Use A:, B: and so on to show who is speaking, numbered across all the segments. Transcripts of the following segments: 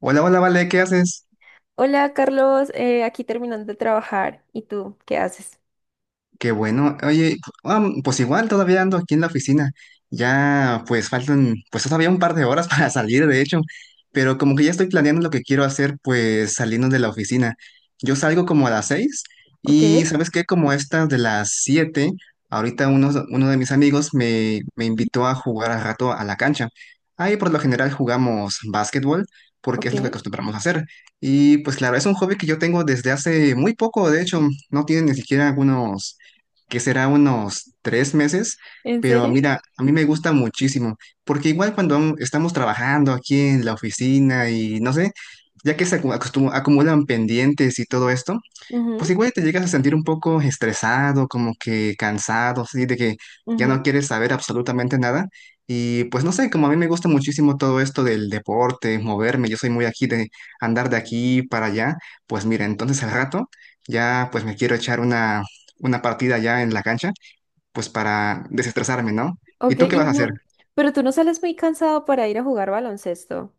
A: Hola, hola, Vale, ¿qué haces?
B: Hola Carlos, aquí terminando de trabajar. ¿Y tú qué haces?
A: Qué bueno. Oye, pues igual todavía ando aquí en la oficina. Ya pues faltan pues todavía un par de horas para salir, de hecho. Pero como que ya estoy planeando lo que quiero hacer pues saliendo de la oficina. Yo salgo como a las 6
B: Ok,
A: y, ¿sabes qué? Como estas de las 7, ahorita uno de mis amigos me invitó a jugar al rato a la cancha. Ahí por lo general jugamos básquetbol porque es lo que
B: ok.
A: acostumbramos a hacer. Y pues claro, es un hobby que yo tengo desde hace muy poco, de hecho, no tiene ni siquiera algunos que será unos 3 meses,
B: ¿En
A: pero
B: serio?
A: mira, a mí me gusta muchísimo, porque igual cuando estamos trabajando aquí en la oficina y no sé, ya que se acumulan pendientes y todo esto,
B: Ujú,
A: pues igual te llegas a sentir un poco estresado, como que cansado, así de que ya no
B: ujú.
A: quieres saber absolutamente nada. Y pues no sé, como a mí me gusta muchísimo todo esto del deporte, moverme, yo soy muy aquí de andar de aquí para allá, pues mira, entonces al rato ya pues me quiero echar una partida ya en la cancha, pues para desestresarme, ¿no? ¿Y
B: Ok,
A: tú qué vas
B: y
A: a hacer?
B: no, pero tú no sales muy cansado para ir a jugar baloncesto.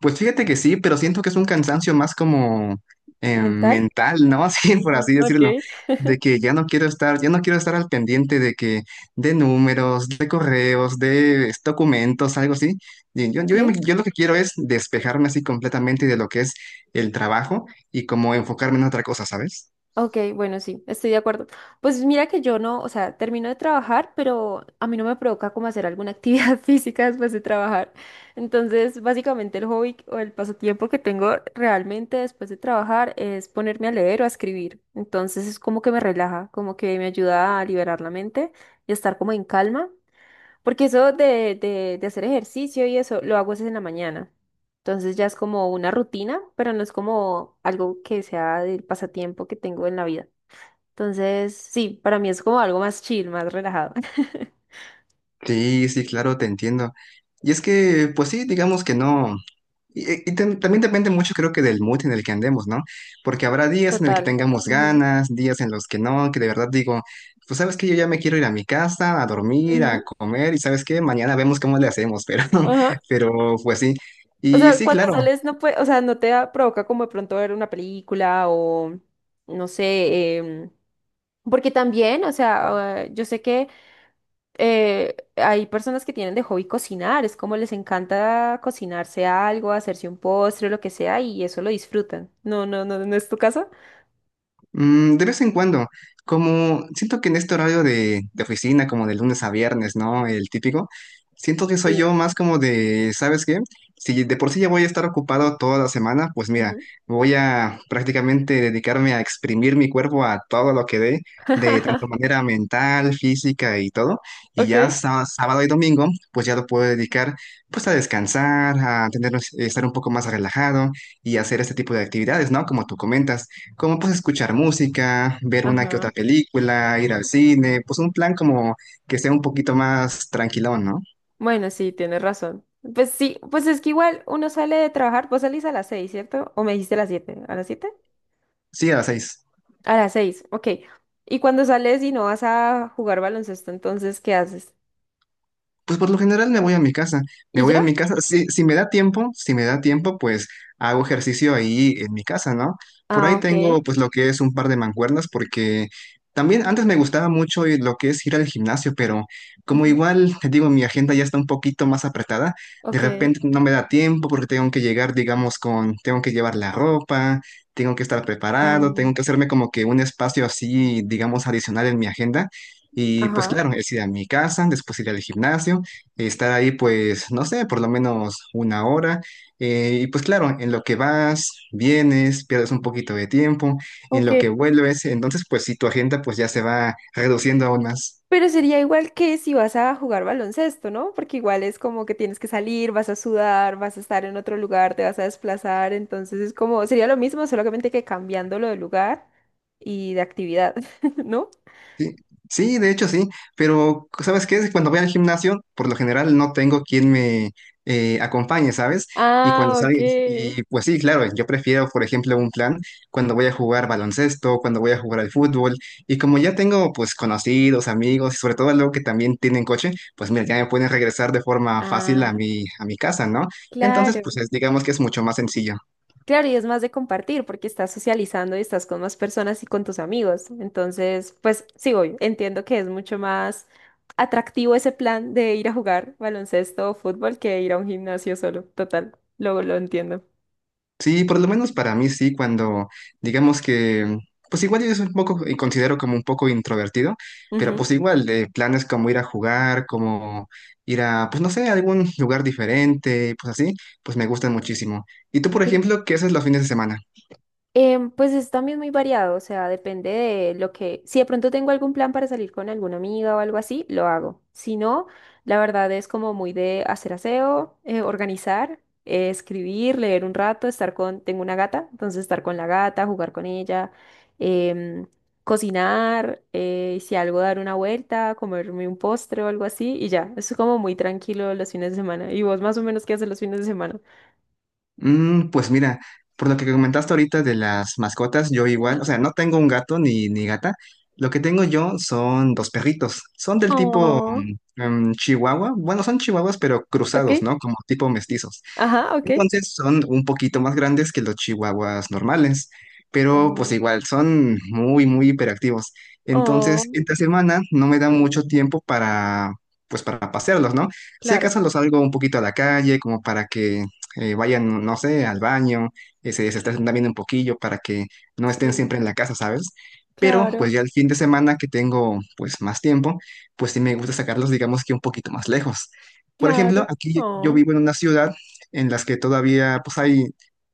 A: Pues fíjate que sí, pero siento que es un cansancio más como
B: ¿Mental?
A: mental, ¿no? Así, por así
B: Mm, ok.
A: decirlo, de que ya no quiero estar al pendiente de que, de números, de correos, de documentos, algo así. Y yo,
B: Ok.
A: yo, yo lo que quiero es despejarme así completamente de lo que es el trabajo y como enfocarme en otra cosa, ¿sabes?
B: Ok, bueno, sí, estoy de acuerdo. Pues mira que yo no, o sea, termino de trabajar, pero a mí no me provoca como hacer alguna actividad física después de trabajar. Entonces, básicamente el hobby o el pasatiempo que tengo realmente después de trabajar es ponerme a leer o a escribir. Entonces es como que me relaja, como que me ayuda a liberar la mente y a estar como en calma. Porque eso de hacer ejercicio y eso lo hago es en la mañana. Entonces ya es como una rutina, pero no es como algo que sea del pasatiempo que tengo en la vida. Entonces, sí, para mí es como algo más chill, más relajado.
A: Sí, sí, claro, te entiendo. Y es que, pues sí, digamos que no. Y también depende mucho, creo que, del mood en el que andemos, ¿no? Porque habrá días en el que
B: Total.
A: tengamos
B: Ujú,
A: ganas, días en los que no, que de verdad digo, pues sabes que yo ya me quiero ir a mi casa, a dormir, a
B: ujú,
A: comer, y sabes qué, mañana vemos cómo le hacemos, pero,
B: ajá.
A: pero pues sí.
B: O
A: Y
B: sea,
A: sí,
B: cuando
A: claro.
B: sales no puede, o sea, no te provoca como de pronto ver una película o no sé, porque también, o sea, yo sé que hay personas que tienen de hobby cocinar, es como les encanta cocinarse algo, hacerse un postre, lo que sea, y eso lo disfrutan. No, no, no, ¿no es tu caso?
A: Mm, de vez en cuando, como siento que en este horario de oficina, como de lunes a viernes, ¿no? El típico, siento que soy yo
B: Sí.
A: más como de, ¿sabes qué? Si de por sí ya voy a estar ocupado toda la semana, pues mira,
B: Ujú.
A: voy a prácticamente dedicarme a exprimir mi cuerpo a todo lo que dé, de tanto manera mental, física y todo, y ya
B: Ok.
A: sábado y domingo, pues ya lo puedo dedicar pues a descansar, a tener, estar un poco más relajado y hacer este tipo de actividades, ¿no? Como tú comentas como pues escuchar música, ver una que
B: Ajá.
A: otra película, ir al cine, pues un plan como que sea un poquito más tranquilón, ¿no?
B: Bueno, sí, tienes razón. Pues sí, pues es que igual uno sale de trabajar, vos salís a las 6, ¿cierto? ¿O me dijiste a las 7? ¿A las siete?
A: Sí, a las 6.
B: A las seis, ok. Y cuando sales y no vas a jugar baloncesto, entonces, ¿qué haces?
A: Pues por lo general me voy a mi casa,
B: ¿Y ya?
A: si, si me da tiempo, si me da tiempo, pues hago ejercicio ahí en mi casa, ¿no? Por
B: Ah,
A: ahí
B: ok.
A: tengo pues lo que es un par de mancuernas porque también antes me gustaba mucho lo que es ir al gimnasio, pero como
B: Ujú,
A: igual, te digo, mi agenda ya está un poquito más apretada, de
B: ok.
A: repente no me da tiempo porque tengo que llegar, digamos, con, tengo que llevar la ropa, tengo que estar
B: Ah,
A: preparado, tengo que hacerme como que un espacio así, digamos, adicional en mi agenda. Y pues
B: ajá.
A: claro, es ir a mi casa, después ir al gimnasio, estar ahí pues, no sé, por lo menos una hora. Y pues claro, en lo que vas, vienes, pierdes un poquito de tiempo, en
B: Ok.
A: lo que vuelves, entonces pues si tu agenda pues ya se va reduciendo aún más.
B: Pero sería igual que si vas a jugar baloncesto, ¿no? Porque igual es como que tienes que salir, vas a sudar, vas a estar en otro lugar, te vas a desplazar, entonces es como, sería lo mismo, solamente que cambiándolo de lugar y de actividad, ¿no?
A: Sí, sí, de hecho sí, pero ¿sabes qué? Cuando voy al gimnasio, por lo general no tengo quien me acompañe, ¿sabes? Y cuando
B: Ah, ok.
A: salgo, y pues sí, claro, yo prefiero, por ejemplo, un plan cuando voy a jugar baloncesto, cuando voy a jugar al fútbol, y como ya tengo pues conocidos, amigos, y sobre todo luego que también tienen coche, pues mira, ya me pueden regresar de forma fácil a
B: Ah,
A: mi casa, ¿no? Entonces,
B: claro.
A: pues digamos que es mucho más sencillo.
B: Claro, y es más de compartir porque estás socializando y estás con más personas y con tus amigos. Entonces, pues sí, obvio, entiendo que es mucho más atractivo ese plan de ir a jugar baloncesto o fútbol que ir a un gimnasio solo. Total, luego lo entiendo.
A: Sí, por lo menos para mí sí, cuando digamos que, pues igual yo soy un poco, y considero como un poco introvertido, pero
B: Ujú,
A: pues igual de planes como ir a jugar, como ir a, pues no sé, a algún lugar diferente, pues así, pues me gustan muchísimo. ¿Y tú, por
B: ok.
A: ejemplo, qué haces los fines de semana?
B: Pues es también muy variado, o sea, depende de lo que... Si de pronto tengo algún plan para salir con alguna amiga o algo así, lo hago. Si no, la verdad es como muy de hacer aseo, organizar, escribir, leer un rato, estar con... Tengo una gata, entonces estar con la gata, jugar con ella, em, cocinar, si algo dar una vuelta, comerme un postre o algo así, y ya, es como muy tranquilo los fines de semana. ¿Y vos más o menos qué haces los fines de semana?
A: Pues mira, por lo que comentaste ahorita de las mascotas, yo igual,
B: Ujú.
A: o sea, no tengo un gato ni gata, lo que tengo yo son dos perritos, son del tipo
B: Oh,
A: chihuahua, bueno, son chihuahuas, pero
B: ok.
A: cruzados, ¿no? Como tipo mestizos.
B: Ajá, ok.
A: Entonces son un poquito más grandes que los chihuahuas normales, pero pues
B: Oh,
A: igual son muy, muy hiperactivos. Entonces,
B: oh,
A: esta semana no me da mucho tiempo para, pues para pasearlos, ¿no? Si
B: claro,
A: acaso los salgo un poquito a la calle, como para que vayan, no sé, al baño, se estén también un poquillo para que no estén
B: sí,
A: siempre en la casa, ¿sabes? Pero pues
B: claro,
A: ya el fin de semana que tengo pues más tiempo, pues sí me gusta sacarlos, digamos que un poquito más lejos. Por ejemplo,
B: claro.
A: aquí yo
B: Oh,
A: vivo en una ciudad en las que todavía pues hay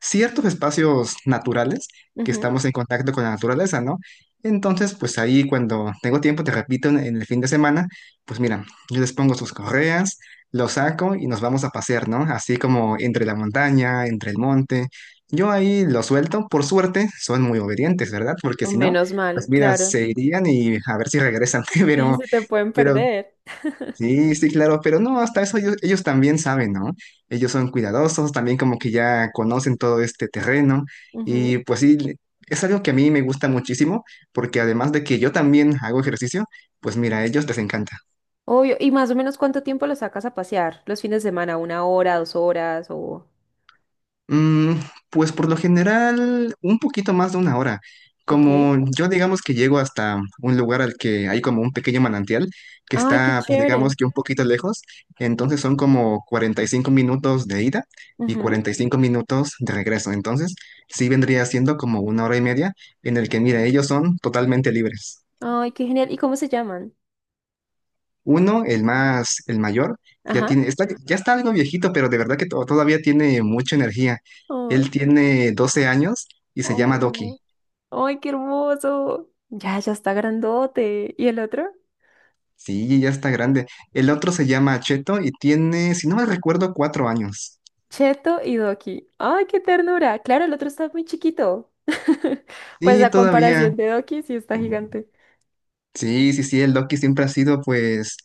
A: ciertos espacios naturales que
B: ujú.
A: estamos en contacto con la naturaleza, ¿no? Entonces, pues ahí cuando tengo tiempo, te repito, en el fin de semana, pues mira, yo les pongo sus correas, los saco y nos vamos a pasear, ¿no? Así como entre la montaña, entre el monte. Yo ahí los suelto, por suerte, son muy obedientes, ¿verdad? Porque
B: O
A: si no,
B: menos
A: pues
B: mal,
A: mira,
B: claro.
A: se irían y a ver si regresan.
B: Sí, se te pueden
A: Pero
B: perder.
A: sí, sí, claro, pero no, hasta eso ellos también saben, ¿no? Ellos son cuidadosos, también como que ya conocen todo este terreno
B: Ujú.
A: y pues sí, es algo que a mí me gusta muchísimo porque además de que yo también hago ejercicio, pues mira, a ellos les encanta.
B: Obvio. ¿Y más o menos cuánto tiempo lo sacas a pasear? ¿Los fines de semana? ¿Una hora, dos horas? O...
A: Mm, pues por lo general, un poquito más de una hora.
B: Ok.
A: Como yo digamos que llego hasta un lugar al que hay como un pequeño manantial que
B: Ay, qué
A: está, pues
B: chévere.
A: digamos que un poquito lejos, entonces son como 45 minutos de ida y
B: Ujú.
A: 45 minutos de regreso. Entonces sí vendría siendo como una hora y media en el que, mira, ellos son totalmente libres.
B: Ay, qué genial. ¿Y cómo se llaman?
A: Uno, el más, el mayor, ya
B: Ajá.
A: tiene, está, ya está algo viejito, pero de verdad que todavía tiene mucha energía. Él
B: Ay.
A: tiene 12 años y se llama Doki.
B: Oh. Ay, qué hermoso. Ya, ya está grandote. ¿Y el otro?
A: Sí, ya está grande. El otro se llama Cheto y tiene, si no me recuerdo, 4 años.
B: Cheto y Doki. ¡Ay, qué ternura! Claro, el otro está muy chiquito. Pues
A: Sí,
B: a
A: todavía.
B: comparación de Doki, sí está gigante.
A: Sí, sí, sí, el Loki siempre ha sido, pues,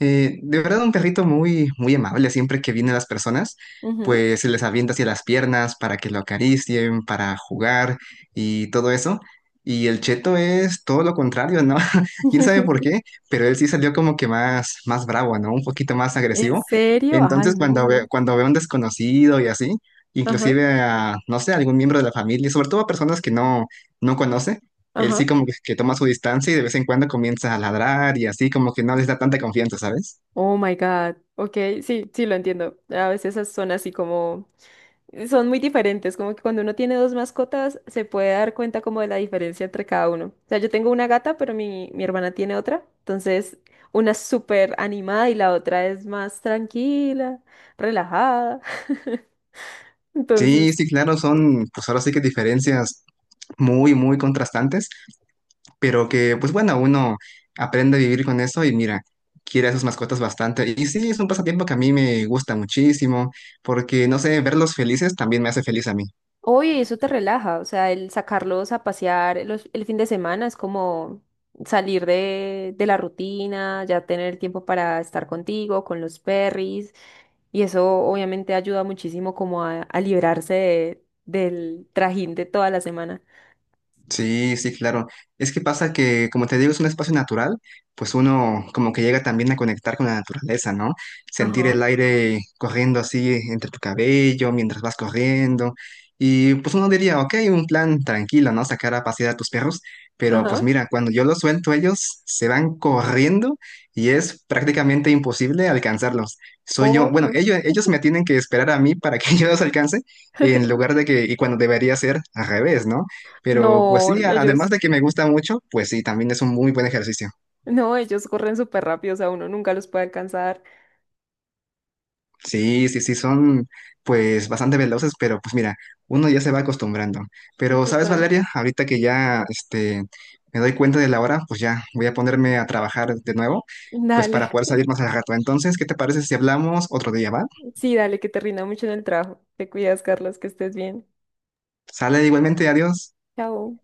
A: de verdad un perrito muy, muy amable. Siempre que vienen las personas,
B: Ujú.
A: pues se les avienta hacia las piernas para que lo acaricien, para jugar y todo eso. Y el Cheto es todo lo contrario, ¿no? Quién sabe por qué, pero él sí salió como que más, más bravo, ¿no? Un poquito más
B: ¿En
A: agresivo.
B: serio?
A: Entonces,
B: Ay,
A: cuando ve,
B: no.
A: cuando ve a un desconocido y así,
B: Ajá,
A: inclusive a, no sé, a algún miembro de la familia, sobre todo a personas que no, no conoce él
B: ajá.
A: sí como que toma su distancia y de vez en cuando comienza a ladrar y así como que no les da tanta confianza, ¿sabes?
B: Oh my God. Ok, sí, sí lo entiendo. A veces esas son así como. Son muy diferentes, como que cuando uno tiene dos mascotas se puede dar cuenta como de la diferencia entre cada uno. O sea, yo tengo una gata, pero mi hermana tiene otra, entonces una es súper animada y la otra es más tranquila, relajada.
A: Sí,
B: Entonces,
A: sí, claro, son pues ahora sí que diferencias muy, muy contrastantes, pero que pues bueno, uno aprende a vivir con eso y mira, quiere a sus mascotas bastante. Y sí, es un pasatiempo que a mí me gusta muchísimo porque, no sé, verlos felices también me hace feliz a mí.
B: oye, eso te relaja, o sea, el sacarlos a pasear el fin de semana es como salir de la rutina, ya tener tiempo para estar contigo, con los perris, y eso obviamente ayuda muchísimo como a librarse del trajín de toda la semana.
A: Sí, sí, claro. Es que pasa que, como te digo, es un espacio natural, pues uno como que llega también a conectar con la naturaleza, ¿no? Sentir
B: Ajá,
A: el aire corriendo así entre tu cabello mientras vas corriendo. Y pues uno diría, ok, un plan tranquilo, ¿no? Sacar a pasear a tus perros, pero pues
B: ajá,
A: mira, cuando yo los suelto, ellos se van corriendo y es prácticamente imposible alcanzarlos. Soy yo, bueno,
B: obvio.
A: ellos me tienen que esperar a mí para que yo los alcance, en lugar de que, y cuando debería ser al revés, ¿no? Pero pues
B: No,
A: sí, además
B: ellos,
A: de que me gusta mucho, pues sí, también es un muy buen ejercicio.
B: no, ellos corren súper rápido, o sea, uno nunca los puede alcanzar.
A: Sí, sí, sí, son pues bastante veloces, pero pues mira, uno ya se va acostumbrando. Pero, ¿sabes,
B: Total.
A: Valeria? Ahorita que ya me doy cuenta de la hora, pues ya voy a ponerme a trabajar de nuevo, pues
B: Dale,
A: para poder salir más al rato. Entonces, ¿qué te parece si hablamos otro día, va?
B: sí, dale, que te rinda mucho en el trabajo. Te cuidas, Carlos, que estés bien.
A: Sale igualmente, adiós.
B: Chao.